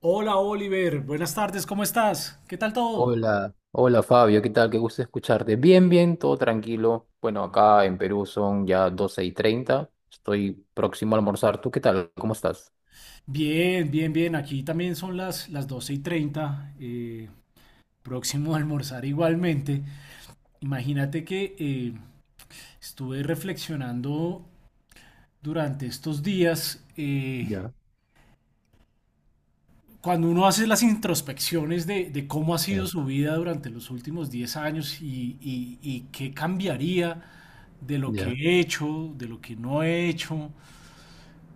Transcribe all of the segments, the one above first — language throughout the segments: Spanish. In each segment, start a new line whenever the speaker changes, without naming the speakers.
Hola Oliver, buenas tardes, ¿cómo estás? ¿Qué tal todo?
Hola, hola Fabio, ¿qué tal? Qué gusto escucharte. Bien, bien, todo tranquilo. Bueno, acá en Perú son ya 12 y 30. Estoy próximo a almorzar. ¿Tú qué tal? ¿Cómo estás?
Bien, bien, bien, aquí también son las 12 y 30. Próximo a almorzar igualmente. Imagínate que estuve reflexionando durante estos días,
Ya,
cuando uno hace las introspecciones de cómo ha sido
eh,
su vida durante los últimos 10 años y qué cambiaría de lo que
ya.
he hecho, de lo que no he hecho.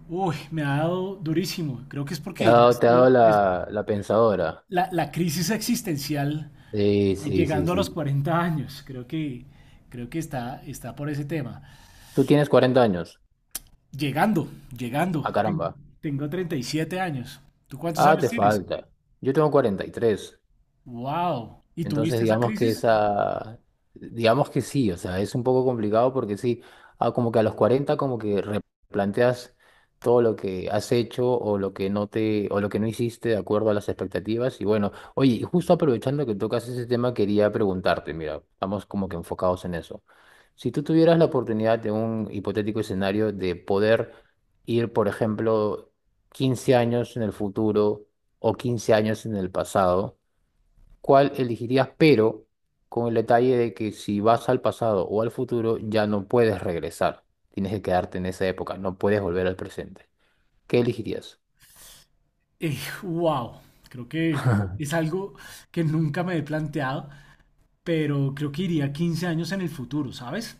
Uy, me ha dado durísimo. Creo que es porque ya
Te ha dado
estoy,
la pensadora.
la, la crisis existencial
Sí, sí, sí,
llegando a los
sí.
40 años. Creo que está por ese tema.
Tú tienes 40 años.
Llegando, llegando.
Ah, caramba.
Tengo 37 años. ¿Tú cuántos
Ah,
años
te
tienes?
falta. Yo tengo 43.
Wow. ¿Y
Entonces,
tuviste esa
digamos que
crisis?
esa, digamos que sí, o sea, es un poco complicado porque sí, como que a los 40 como que replanteas todo lo que has hecho o lo que no te, o lo que no hiciste de acuerdo a las expectativas. Y bueno, oye, y justo aprovechando que tocas ese tema, quería preguntarte, mira, estamos como que enfocados en eso. Si tú tuvieras la oportunidad de un hipotético escenario de poder ir, por ejemplo, 15 años en el futuro o 15 años en el pasado, cuál elegirías, pero con el detalle de que si vas al pasado o al futuro ya no puedes regresar. Tienes que quedarte en esa época, no puedes volver al presente. ¿Qué elegirías?
Eh, wow. Creo que es algo que nunca me he planteado, pero creo que iría 15 años en el futuro, ¿sabes?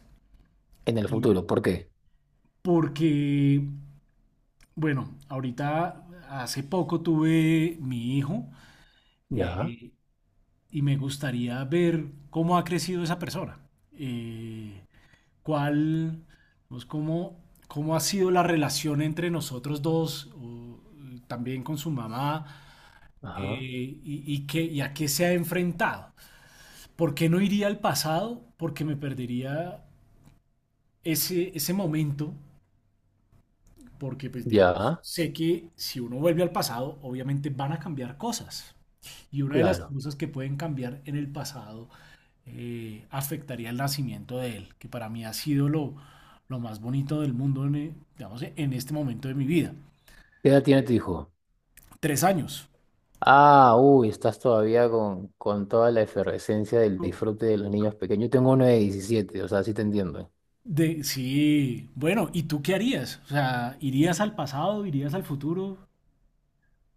En el
Eh,
futuro, ¿por qué?
porque Bueno, ahorita hace poco tuve mi hijo
Ya,
eh, y me gustaría ver cómo ha crecido esa persona. Eh, cuál, pues, cómo ha sido la relación entre nosotros dos, o también con su mamá,
ajá,
y y a qué se ha enfrentado. ¿Por qué no iría al pasado? Porque me perdería ese momento, porque pues digamos,
ya,
sé que si uno vuelve al pasado, obviamente van a cambiar cosas. Y una de las
claro.
cosas que pueden cambiar en el pasado afectaría el nacimiento de él, que para mí ha sido lo más bonito del mundo en, digamos, en este momento de mi vida.
¿Qué edad tiene tu hijo?
Tres años.
Ah, uy, estás todavía con toda la efervescencia del disfrute de los niños pequeños. Yo tengo uno de 17. O sea, sí te entiendo.
De, sí, bueno, ¿y tú qué harías? O sea, ¿irías al pasado, irías al futuro?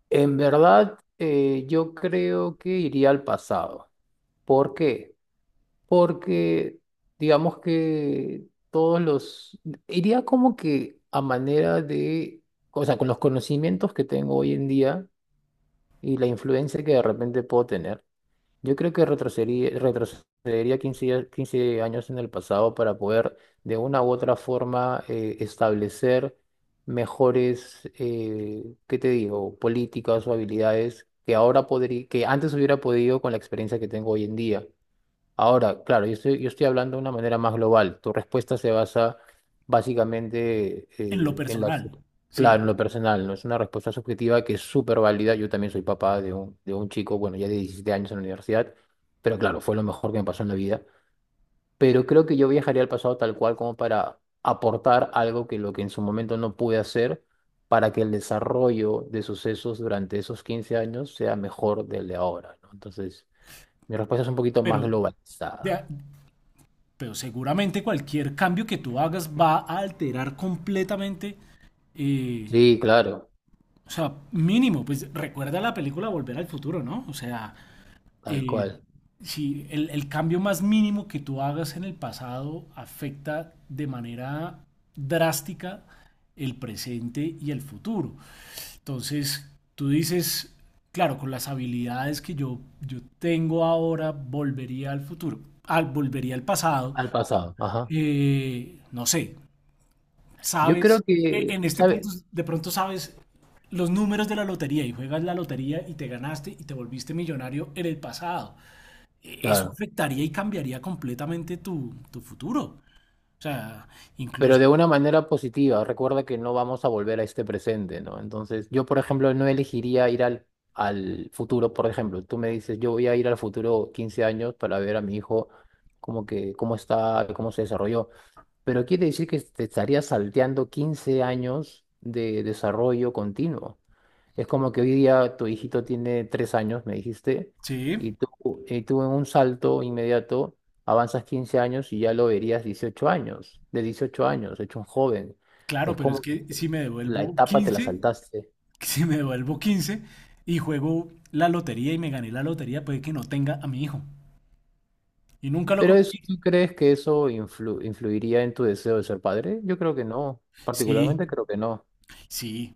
En verdad, yo creo que iría al pasado. ¿Por qué? Porque digamos que todos los, iría como que a manera de, o sea, con los conocimientos que tengo hoy en día y la influencia que de repente puedo tener, yo creo que retrocedería, retrocedería 15 años en el pasado para poder de una u otra forma establecer mejores, ¿qué te digo?, políticas o habilidades que ahora podría, que antes hubiera podido con la experiencia que tengo hoy en día. Ahora, claro, yo estoy hablando de una manera más global. Tu respuesta se basa básicamente
En lo
en la, su-
personal, sí,
claro, en lo personal, ¿no? Es una respuesta subjetiva que es súper válida. Yo también soy papá de un chico, bueno, ya de 17 años en la universidad, pero claro, fue lo mejor que me pasó en la vida. Pero creo que yo viajaría al pasado tal cual como para aportar algo que lo que en su momento no pude hacer para que el desarrollo de sucesos durante esos 15 años sea mejor del de ahora, ¿no? Entonces, mi respuesta es un poquito
pero,
más globalizada.
ya- pero seguramente cualquier cambio que tú hagas va a alterar completamente eh,
Sí, claro,
o sea, mínimo, pues recuerda la película Volver al Futuro, ¿no? O sea,
tal
eh,
cual,
si el cambio más mínimo que tú hagas en el pasado afecta de manera drástica el presente y el futuro. Entonces, tú dices, claro, con las habilidades que yo tengo ahora, volvería al futuro, volvería al pasado,
al pasado, ajá.
no sé,
Yo
sabes,
creo
en
que,
este punto
¿sabe?
de pronto sabes los números de la lotería y juegas la lotería y te ganaste y te volviste millonario en el pasado. Eso
Claro,
afectaría y cambiaría completamente tu futuro. O sea, incluso,
pero de una manera positiva. Recuerda que no vamos a volver a este presente, ¿no? Entonces, yo, por ejemplo, no elegiría ir al, al futuro, por ejemplo. Tú me dices, yo voy a ir al futuro 15 años para ver a mi hijo como que, cómo está, cómo se desarrolló. Pero quiere decir que te estarías salteando 15 años de desarrollo continuo. Es como que hoy día tu hijito tiene tres años, me dijiste,
sí,
y tú, y tú en un salto inmediato avanzas 15 años y ya lo verías 18 años, de 18 años, hecho un joven.
claro,
Es
pero es
como que
que si me
la
devuelvo
etapa te la
15,
saltaste.
si me devuelvo 15 y juego la lotería y me gané la lotería, puede que no tenga a mi hijo. Y nunca lo
Pero
conocí.
eso, ¿tú crees que eso influiría en tu deseo de ser padre? Yo creo que no,
Sí,
particularmente creo que no.
sí.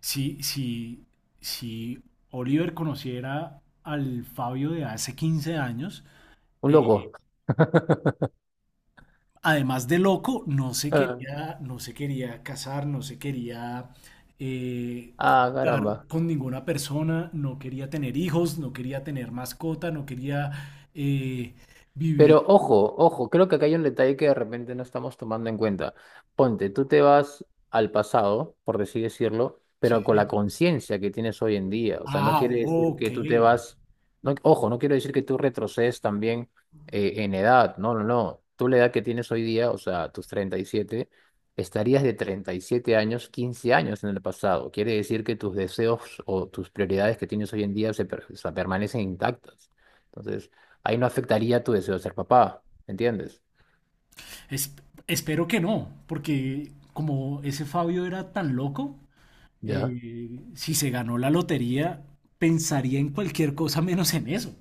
Si, si, si Oliver conociera al Fabio de hace 15 años,
Un
eh,
loco.
además de loco, no se quería casar, no se quería eh,
Ah,
juntar
caramba.
con ninguna persona, no quería tener hijos, no quería tener mascota, no quería eh, vivir.
Pero ojo, ojo, creo que acá hay un detalle que de repente no estamos tomando en cuenta. Ponte, tú te vas al pasado, por así decirlo, pero con la
Sí.
conciencia que tienes hoy en día. O sea, no
Ah,
quiere decir
ok.
que tú te vas, no, ojo, no quiero decir que tú retrocedes también en edad. No, no, no. Tú la edad que tienes hoy día, o sea, tus 37, estarías de 37 años, 15 años en el pasado. Quiere decir que tus deseos o tus prioridades que tienes hoy en día o sea, permanecen intactas. Entonces ahí no afectaría tu deseo de ser papá, ¿entiendes?
Es- Espero que no, porque como ese Fabio era tan loco,
Ya.
eh, si se ganó la lotería, pensaría en cualquier cosa menos en eso.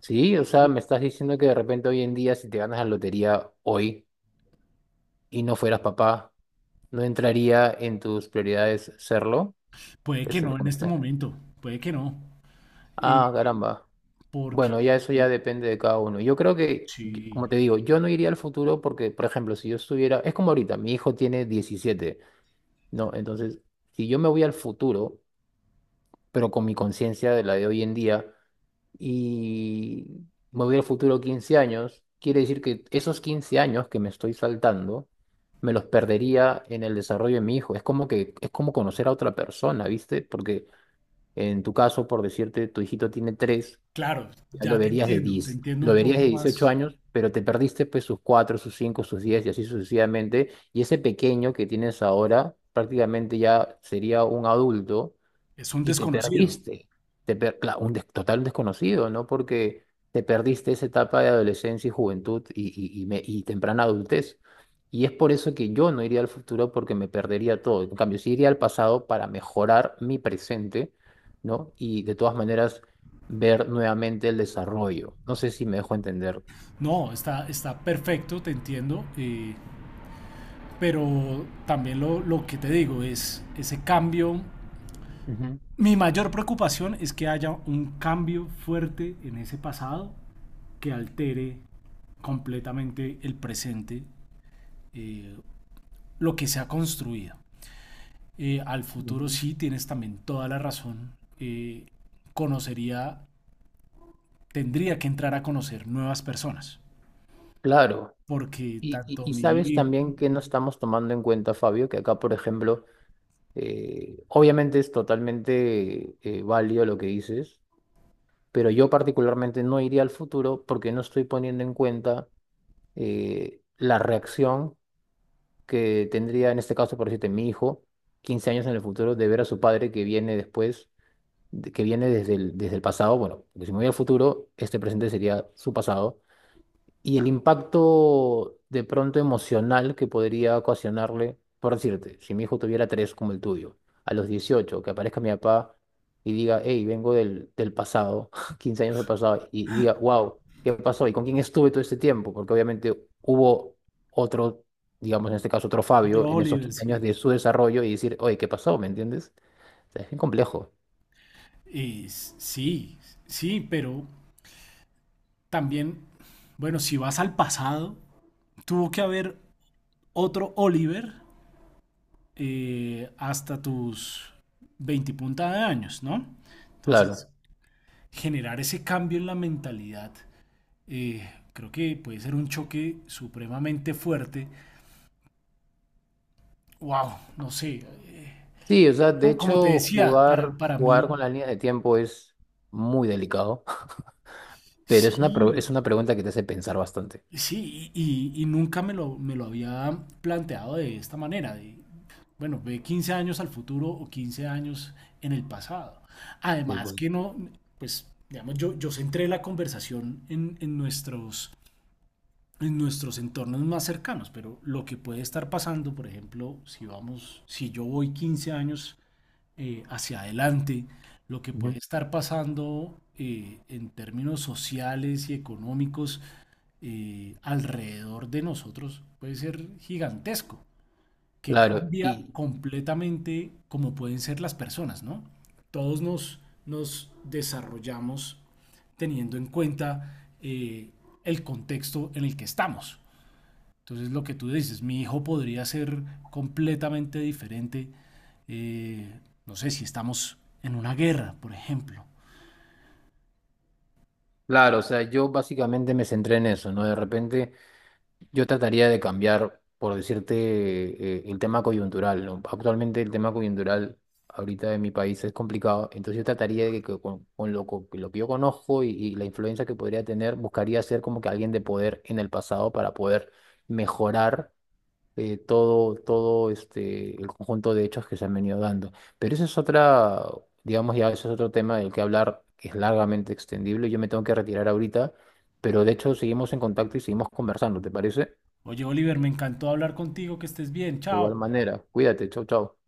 Sí, o sea, me estás diciendo que de repente hoy en día si te ganas la lotería hoy y no fueras papá, ¿no entraría en tus prioridades serlo?
Puede que
Eso es lo
no
que
en
me
este
está-
momento, puede que no. eh,
Ah, caramba.
porque,
Bueno, ya eso ya
eh,
depende de cada uno. Yo creo que, yo- como
sí,
te digo, yo no iría al futuro porque, por ejemplo, si yo estuviera, es como ahorita, mi hijo tiene 17, ¿no? Entonces, si yo me voy al futuro, pero con mi conciencia de la de hoy en día, y me voy al futuro 15 años, quiere decir que esos 15 años que me estoy saltando, me los perdería en el desarrollo de mi hijo. Es como que, es como conocer a otra persona, ¿viste? Porque en tu caso, por decirte, tu hijito tiene 3
claro,
ya lo
ya
verías de
te
10
entiendo
lo
un
verías de
poco
18
más.
años, pero te perdiste pues sus 4 sus 5 sus 10 y así sucesivamente. Y ese pequeño que tienes ahora prácticamente ya sería un adulto
Es un
y te
desconocido.
perdiste, te per- cla- un des- total desconocido, ¿no? Porque te perdiste esa etapa de adolescencia y juventud y, y temprana adultez. Y es por eso que yo no iría al futuro porque me perdería todo. En cambio, sí iría al pasado para mejorar mi presente, ¿no? Y de todas maneras ver nuevamente el desarrollo. No sé si me dejo entender.
No, está, está perfecto, te entiendo. Pero también lo que te digo es ese cambio.
Ujú,
Mi mayor preocupación es que haya un cambio fuerte en ese pasado que altere completamente el presente, eh, lo que se ha construido. Al futuro
ujú.
sí tienes también toda la razón. Conocería, tendría que entrar a conocer nuevas personas,
Claro.
porque tanto
Y
mi
sabes
hijo,
también que no estamos tomando en cuenta, Fabio, que acá, por ejemplo, eh, obviamente es totalmente válido lo que dices, pero yo particularmente no iría al futuro porque no estoy poniendo en cuenta la reacción que tendría en este caso, por decirte, mi hijo, 15 años en el futuro, de ver a su padre que viene después, que viene desde el pasado. Bueno, porque si me voy al futuro, este presente sería su pasado y el impacto de pronto emocional que podría ocasionarle, por decirte, si mi hijo tuviera tres como el tuyo, a los 18 que aparezca mi papá y diga, hey, vengo del, del pasado, 15 años del pasado, y diga, wow, ¿qué pasó? ¿Y con quién estuve todo este tiempo? Porque obviamente hubo otro, digamos en este caso otro
otro
Fabio, en esos
Oliver,
15 años
sí.
de su desarrollo y decir, oye, ¿qué pasó? ¿Me entiendes? O sea, es bien complejo.
Eh, sí, sí, pero también, bueno, si vas al pasado, tuvo que haber otro Oliver hasta tus 20 punta de años, ¿no? Entonces,
Claro.
generar ese cambio en la mentalidad, creo que puede ser un choque supremamente fuerte. Wow, no sé.
Sí, o sea, de
Como, como te
hecho,
decía,
jugar,
para
jugar con
mí,
la línea de tiempo es muy delicado. Pero es una,
sí,
es una pregunta que te hace pensar bastante.
sí, y nunca me me lo había planteado de esta manera, de, bueno, ve 15 años al futuro o 15 años en el pasado.
Sí,
Además
pues.
que no, pues, digamos, yo centré la conversación en nuestros entornos más cercanos, pero lo que puede estar pasando, por ejemplo, si yo voy 15 años hacia adelante, lo que
Ujú.
puede estar pasando en términos sociales y económicos alrededor de nosotros puede ser gigantesco, que
Claro,
cambia
y
completamente cómo pueden ser las personas, ¿no? Todos nos, nos desarrollamos teniendo en cuenta el contexto en el que estamos. Entonces lo que tú dices, mi hijo podría ser completamente diferente, eh, no sé si estamos en una guerra, por ejemplo.
claro, o sea, yo básicamente me centré en eso, ¿no? De repente yo trataría de cambiar, por decirte, el tema coyuntural, ¿no? Actualmente el tema coyuntural ahorita en mi país es complicado, entonces yo trataría de que con, lo que yo conozco y la influencia que podría tener, buscaría ser como que alguien de poder en el pasado para poder mejorar todo, todo este, el conjunto de hechos que se han venido dando. Pero eso es otra, digamos, ya eso es otro tema del que hablar, que es largamente extendible. Yo me tengo que retirar ahorita, pero de hecho seguimos en contacto y seguimos conversando, ¿te parece? De
Oye, Oliver, me encantó hablar contigo, que estés bien,
igual
chao.
manera, cuídate, chau, chau.